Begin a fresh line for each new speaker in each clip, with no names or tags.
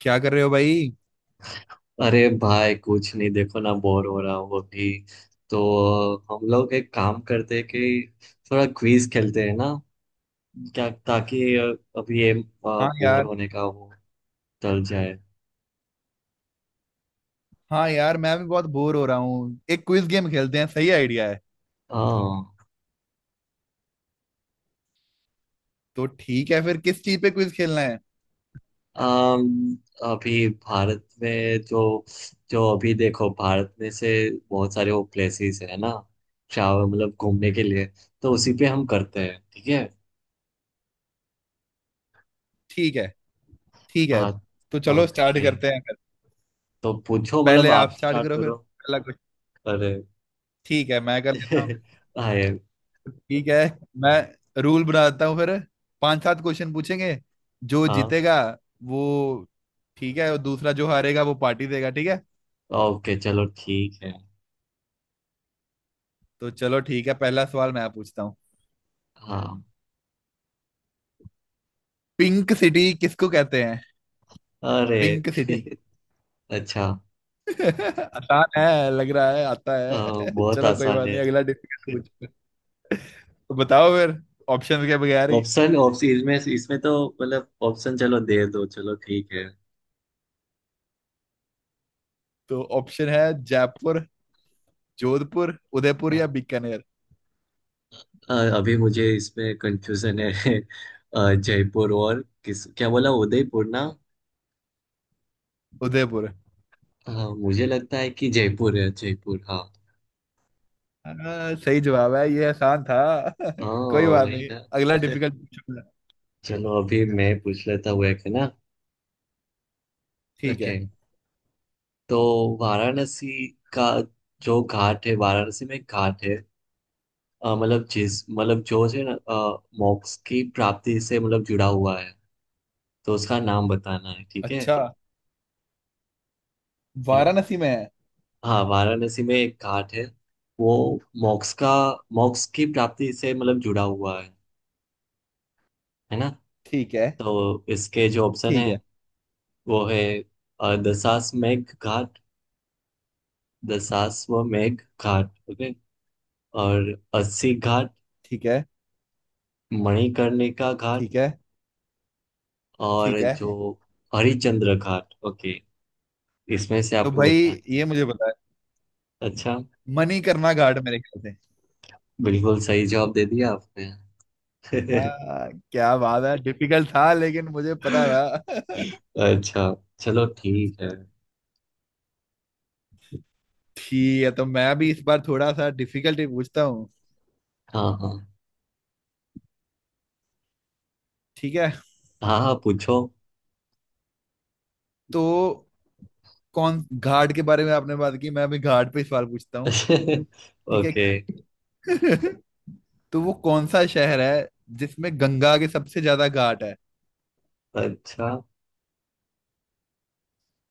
क्या कर रहे हो भाई?
अरे भाई कुछ नहीं, देखो ना, बोर हो रहा हूँ अभी। तो हम लोग एक काम करते हैं कि थोड़ा क्विज खेलते हैं ना, क्या, ताकि अभी ये
हाँ
बोर
यार।
होने का वो टल जाए।
हाँ यार, मैं भी बहुत बोर हो रहा हूँ, एक क्विज गेम खेलते हैं, सही आइडिया है।
हाँ।
तो ठीक है फिर, किस चीज पे क्विज खेलना है?
अम, अभी भारत में जो जो अभी देखो भारत में से बहुत सारे वो प्लेसेस है ना, ट्रैवल मतलब घूमने के लिए, तो उसी पे हम करते हैं, ठीक है।
ठीक है। ठीक है।
हाँ।
तो चलो स्टार्ट
ओके,
करते हैं फिर।
तो पूछो, मतलब
पहले आप
आप
स्टार्ट
स्टार्ट
करो फिर,
करो।
पहला क्वेश्चन।
अरे
ठीक है, मैं कर लेता हूँ।
आए।
ठीक है। मैं रूल बनाता हूँ फिर। पांच सात क्वेश्चन पूछेंगे, जो
हाँ।
जीतेगा वो, ठीक है, और दूसरा जो हारेगा वो पार्टी देगा, ठीक है।
ओके चलो ठीक है।
तो चलो ठीक है, पहला सवाल मैं पूछता हूँ।
हाँ।
पिंक सिटी किसको कहते हैं?
अरे।
Pink city.
अच्छा।
आसान है लग रहा है, आता
अ,
है।
बहुत
चलो कोई
आसान
बात
है।
नहीं, अगला डिफिकल्ट पूछो। तो बताओ फिर, ऑप्शन के बगैर ही।
ऑप्शन ऑप्शन इसमें इसमें तो मतलब, ऑप्शन चलो दे दो, चलो ठीक है।
तो ऑप्शन है, जयपुर, जोधपुर, उदयपुर या
हाँ।
बीकानेर।
अभी मुझे इसमें कंफ्यूजन है। जयपुर और किस, क्या बोला, उदयपुर ना।
उदयपुर।
हाँ मुझे लगता है कि जयपुर है, जयपुर, हाँ।
हाँ, सही जवाब है, ये आसान था।
हाँ।
कोई बात
वही
नहीं,
ना।
अगला डिफिकल्ट पूछो।
चलो अभी मैं पूछ लेता हूँ एक, है ना।
ठीक
ओके।
है।
तो वाराणसी का जो घाट है, वाराणसी में एक घाट है, मतलब जिस मतलब जो है ना, मोक्ष की प्राप्ति से मतलब जुड़ा हुआ है, तो उसका नाम बताना है, ठीक है
अच्छा।
है ना।
वाराणसी में है?
हाँ वाराणसी में एक घाट है, वो मोक्ष का, मोक्ष की प्राप्ति से मतलब जुड़ा हुआ है ना।
ठीक है।
तो इसके जो ऑप्शन है
ठीक है।
वो है, दशाश्वमेध घाट, दशाश्वमेध घाट, ओके, और अस्सी घाट,
ठीक है।
मणिकर्णिका घाट,
ठीक है।
और
ठीक है।
जो हरिश्चंद्र घाट, ओके, इसमें से
तो
आपको
भाई
बताना है।
ये मुझे पता है,
अच्छा।
मणिकर्णा घाट मेरे ख्याल से।
बिल्कुल सही जवाब दे दिया आपने।
हाँ, क्या बात है, डिफिकल्ट था लेकिन मुझे पता था।
अच्छा, चलो ठीक है।
ठीक है, तो मैं भी इस बार थोड़ा सा डिफिकल्ट ही पूछता हूँ।
हाँ हाँ।
ठीक है।
हाँ हाँ पूछो।
तो कौन घाट के बारे में आपने बात की, मैं अभी घाट पे सवाल पूछता हूँ। ठीक है।
ओके।
तो वो कौन सा शहर है जिसमें गंगा के सबसे ज्यादा घाट है,
अच्छा।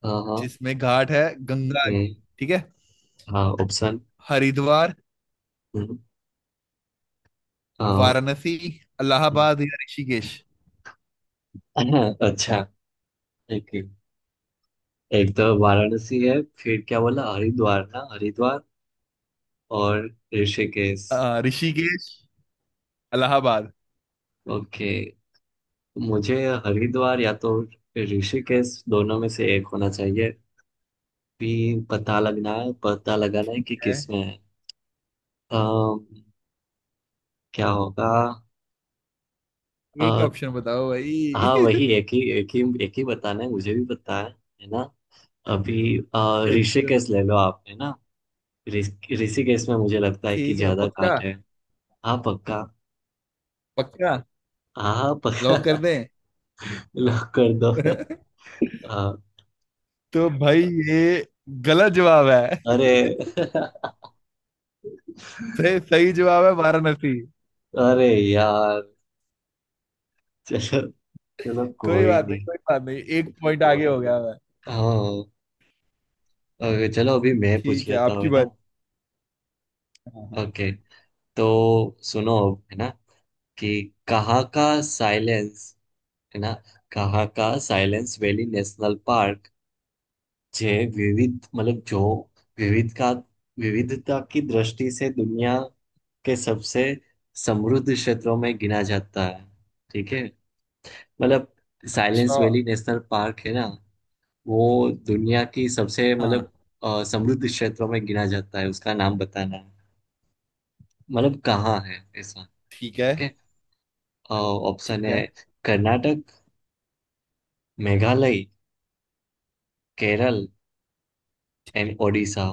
हाँ हाँ।
जिसमें घाट है गंगा के?
हम्म।
ठीक है।
हाँ, ऑप्शन।
हरिद्वार,
हम्म। हाँ।
वाराणसी,
हम्म।
इलाहाबाद या ऋषिकेश।
अच्छा। एक, एक तो वाराणसी है, फिर क्या बोला, हरिद्वार ना, हरिद्वार, और ऋषिकेश।
ऋषिकेश, इलाहाबाद।
ओके। मुझे हरिद्वार या तो ऋषिकेश, दोनों में से एक होना चाहिए भी। पता लगना है, पता लगाना है कि
है।
किस में है। अम, क्या होगा।
एक
अ,
ऑप्शन बताओ भाई।
हाँ वही, एक ही एक ही एक ही बताना है, मुझे भी पता है ना। अभी
अच्छा।
ऋषिकेश ले लो आप, है ना। ऋषिकेश में मुझे लगता है कि
ठीक है,
ज्यादा
पक्का?
घाट है। हाँ पक्का।
पक्का?
हाँ हाँ,
लॉक कर
पक्का।
दें?
लॉक कर दो। हाँ।
तो भाई ये गलत जवाब है।
अरे।
सही सही जवाब है वाराणसी।
अरे यार। चलो, चलो
कोई
कोई
बात नहीं,
नहीं।
कोई बात नहीं, एक पॉइंट आगे हो गया मैं।
हाँ। ओके चलो अभी मैं पूछ
ठीक है,
लेता हूँ,
आपकी
है ना।
बात। हाँ हाँ।
ओके। तो सुनो अब, है ना, कि कहाँ का साइलेंस, है ना, कहाँ का साइलेंस वैली नेशनल पार्क, जे विविध, मतलब जो विविध का, विविधता की दृष्टि से दुनिया के सबसे समृद्ध क्षेत्रों में गिना जाता है, ठीक है। मतलब
अच्छा।
साइलेंस वैली नेशनल पार्क, है ना, वो दुनिया की सबसे,
हाँ,
मतलब, समृद्ध क्षेत्रों में गिना जाता है, उसका नाम बताना है, मतलब कहाँ है ऐसा,
ठीक है।
ठीक है।
ठीक
ऑप्शन है,
है।
कर्नाटक, मेघालय, केरल एंड ओडिशा।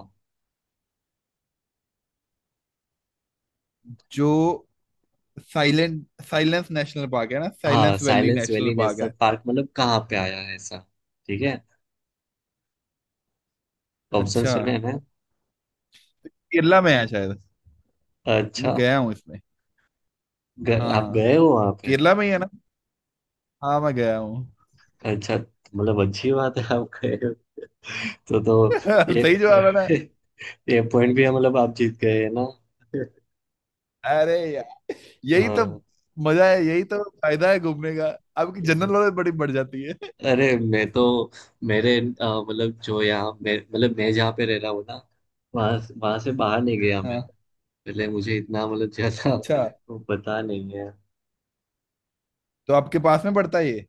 जो साइलेंट साइलेंस नेशनल पार्क है ना,
हाँ
silence valley
silence
national
valley
park
national
है।
पार्क, मतलब कहाँ पे आया है ऐसा, ठीक है, ऑप्शन
अच्छा।
सुने हैं।
केरला में है शायद। मैं
अच्छा।
गया हूँ इसमें।
ग, आप
हाँ।
गए हो वहाँ पे।
केरला में ही है ना? हाँ, मैं गया हूँ।
अच्छा, मतलब अच्छी बात है आप गए हो। तो ये
सही जवाब है ना?
ये, ये पॉइंट भी है, मतलब आप जीत गए, है ना।
अरे यार, यही तो
हाँ।
मजा है, यही तो फायदा है घूमने का, आपकी जनरल नॉलेज बड़ी बढ़ जाती है।
अरे मैं तो, मेरे मतलब जो यहाँ मैं, मतलब मैं जहाँ पे रह रहा हूँ ना, वहाँ वहाँ से बाहर नहीं गया मैं।
हाँ।
पहले मुझे इतना, मतलब ज्यादा
अच्छा।
वो पता नहीं है।
तो आपके पास में पड़ता है ये?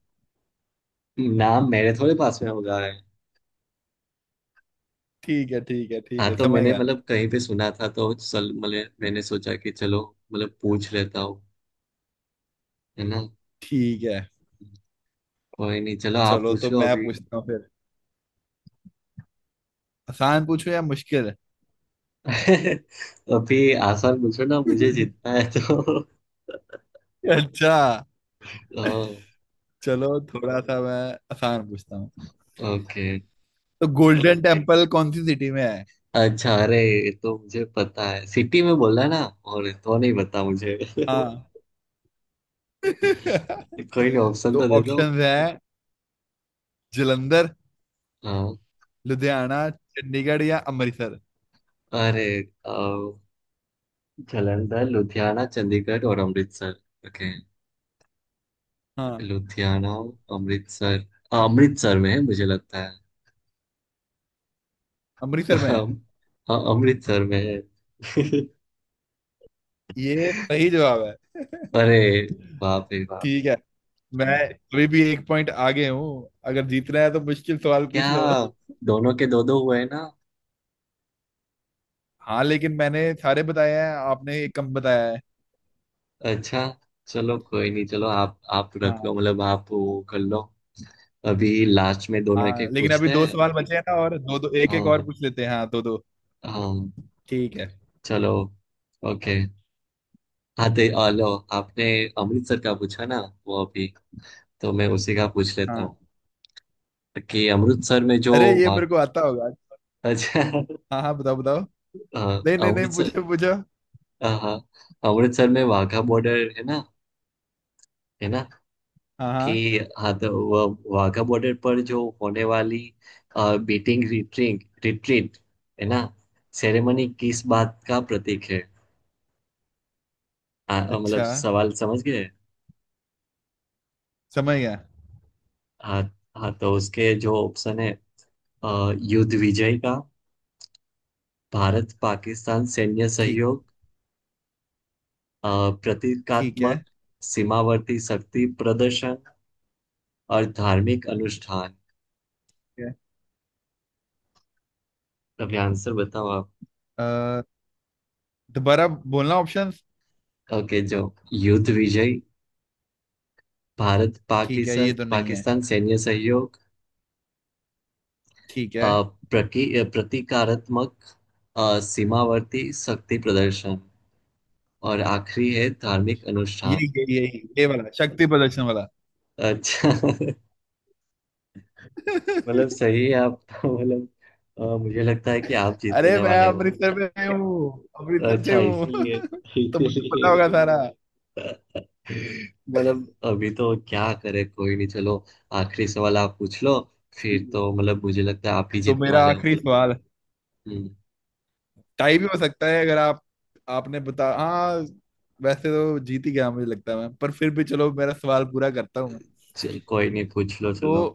नाम मेरे थोड़े पास में होगा, है।
ठीक है, ठीक है, ठीक
हाँ
है,
तो
समझ
मैंने
गया।
मतलब कहीं पे सुना था, तो सल मतलब मैंने सोचा कि चलो मतलब पूछ लेता हूँ, है ना।
ठीक है।
कोई नहीं, चलो आप
चलो,
पूछ
तो
लो
मैं
अभी।
पूछता हूँ फिर। आसान पूछूं या मुश्किल?
अभी आसान पूछो ना, मुझे जीतना है तो।
अच्छा। चलो थोड़ा सा मैं आसान पूछता हूँ।
ओके।
तो गोल्डन टेम्पल कौन सी सिटी में है?
अच्छा अरे ये तो मुझे पता है, सिटी में बोला ना, और तो नहीं पता मुझे।
हाँ।
कोई नहीं, ऑप्शन
तो
तो दे दो।
ऑप्शंस हैं, जलंधर,
हाँ।
लुधियाना, चंडीगढ़ या अमृतसर।
अरे। अ, जालंधर, लुधियाना, चंडीगढ़ और अमृतसर, ओके।
हाँ,
लुधियाना, अमृतसर, हाँ, अमृतसर में है मुझे लगता है।
अमृतसर में है।
हम- हाँ अमृतसर में है।
ये सही जवाब है।
अरे बाप रे बाप।
ठीक है। मैं अभी भी एक पॉइंट आगे हूँ, अगर जीतना है तो मुश्किल सवाल
क्या,
पूछ लो।
दोनों के दो दो हुए ना।
हाँ लेकिन मैंने सारे बताए हैं, आपने एक कम बताया है।
अच्छा, चलो कोई नहीं, चलो आप रख
हाँ।
लो, मतलब आप वो कर लो। अभी लास्ट में दोनों एक
हाँ
एक
लेकिन अभी
पूछते
दो
हैं।
सवाल बचे हैं ना, और दो दो, एक एक और
हाँ।
पूछ लेते हैं, हाँ दो दो।
हाँ।
ठीक है।
चलो। ओके। हाँ तो आ लो, आपने अमृतसर का पूछा ना वो अभी, तो मैं उसी का पूछ लेता हूँ
हाँ।
कि अमृतसर में जो
अरे ये
वाघ,
मेरे को आता होगा।
अच्छा,
हाँ हाँ, बताओ बताओ।
हाँ,
नहीं नहीं नहीं,
अमृतसर।
पूछो पूछो।
हाँ। अमृतसर में वाघा बॉर्डर है ना, है ना,
हाँ
कि,
हाँ।
हाँ, तो वो वाघा बॉर्डर पर जो होने वाली बीटिंग रिट्रीट, है ना, सेरेमनी किस बात का प्रतीक है। मतलब
अच्छा,
सवाल समझ गए।
समझ गया।
हाँ। हाँ तो उसके जो ऑप्शन है, युद्ध विजय का, भारत पाकिस्तान सैन्य
ठीक
सहयोग, अ,
ठीक
प्रतीकात्मक
है।
सीमावर्ती शक्ति प्रदर्शन, और धार्मिक अनुष्ठान।
ठीक है।
अभी आंसर बताओ आप।
अ, दोबारा बोलना ऑप्शन।
ओके, जो युद्ध विजय, भारत
ठीक है, ये
पाकिस्तान
तो नहीं है।
पाकिस्तान सैन्य सहयोग,
ठीक
अ,
है।
प्रतीकात्मक, सीमावर्ती शक्ति प्रदर्शन, और आखिरी है धार्मिक अनुष्ठान।
यही यही यही, ये वाला, शक्ति प्रदर्शन वाला।
अच्छा। मतलब सही है आप। मतलब मुझे लगता है कि आप
अरे
जीतने
मैं
वाले हो।
अमृतसर में से हूँ,
तो
अमृतसर से
अच्छा
हूँ।
इसीलिए,
तो मुझे पता
इसीलिए
होगा सारा।
मतलब अभी तो क्या करे, कोई नहीं, चलो आखिरी सवाल आप पूछ लो, फिर तो मतलब मुझे लगता है आप ही
तो
जीतने
मेरा
वाले हो।
आखिरी सवाल।
हम्म।
टाई भी हो सकता है, अगर आप आपने बता, हाँ। वैसे तो जीत ही गया मुझे लगता है मैं, पर फिर भी चलो मेरा सवाल पूरा करता हूँ मैं।
चल, कोई नहीं, पूछ लो
तो
चलो।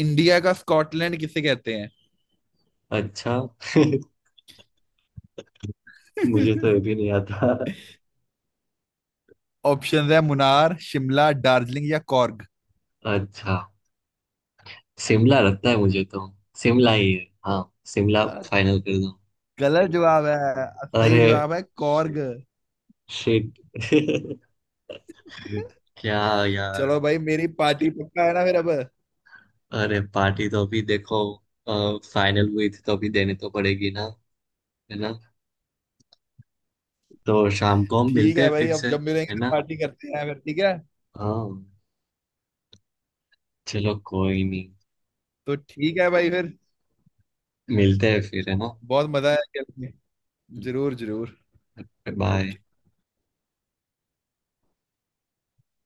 इंडिया का स्कॉटलैंड किसे कहते हैं?
अच्छा। मुझे तो ये भी नहीं आता।
ऑप्शन है, मुनार, शिमला, दार्जिलिंग या कॉर्ग।
अच्छा, शिमला लगता है मुझे तो, शिमला ही है हाँ, शिमला
अ,
फाइनल कर दो।
गलत जवाब है। सही
अरे
जवाब है कॉर्ग।
शिट। क्या यार।
चलो भाई, मेरी पार्टी पक्का है ना फिर अब।
अरे पार्टी तो अभी देखो, फाइनल हुई थी तो अभी देनी तो पड़ेगी ना, है ना, तो शाम को हम
ठीक
मिलते
है
हैं
भाई,
फिर
अब
से,
जब मिलेंगे
है
तो
ना।
पार्टी करते हैं फिर, ठीक है।
हाँ, चलो कोई नहीं,
तो ठीक है भाई फिर।
मिलते हैं फिर, है ना।
बहुत मजा आया खेल के। जरूर जरूर।
बाय।
ओके।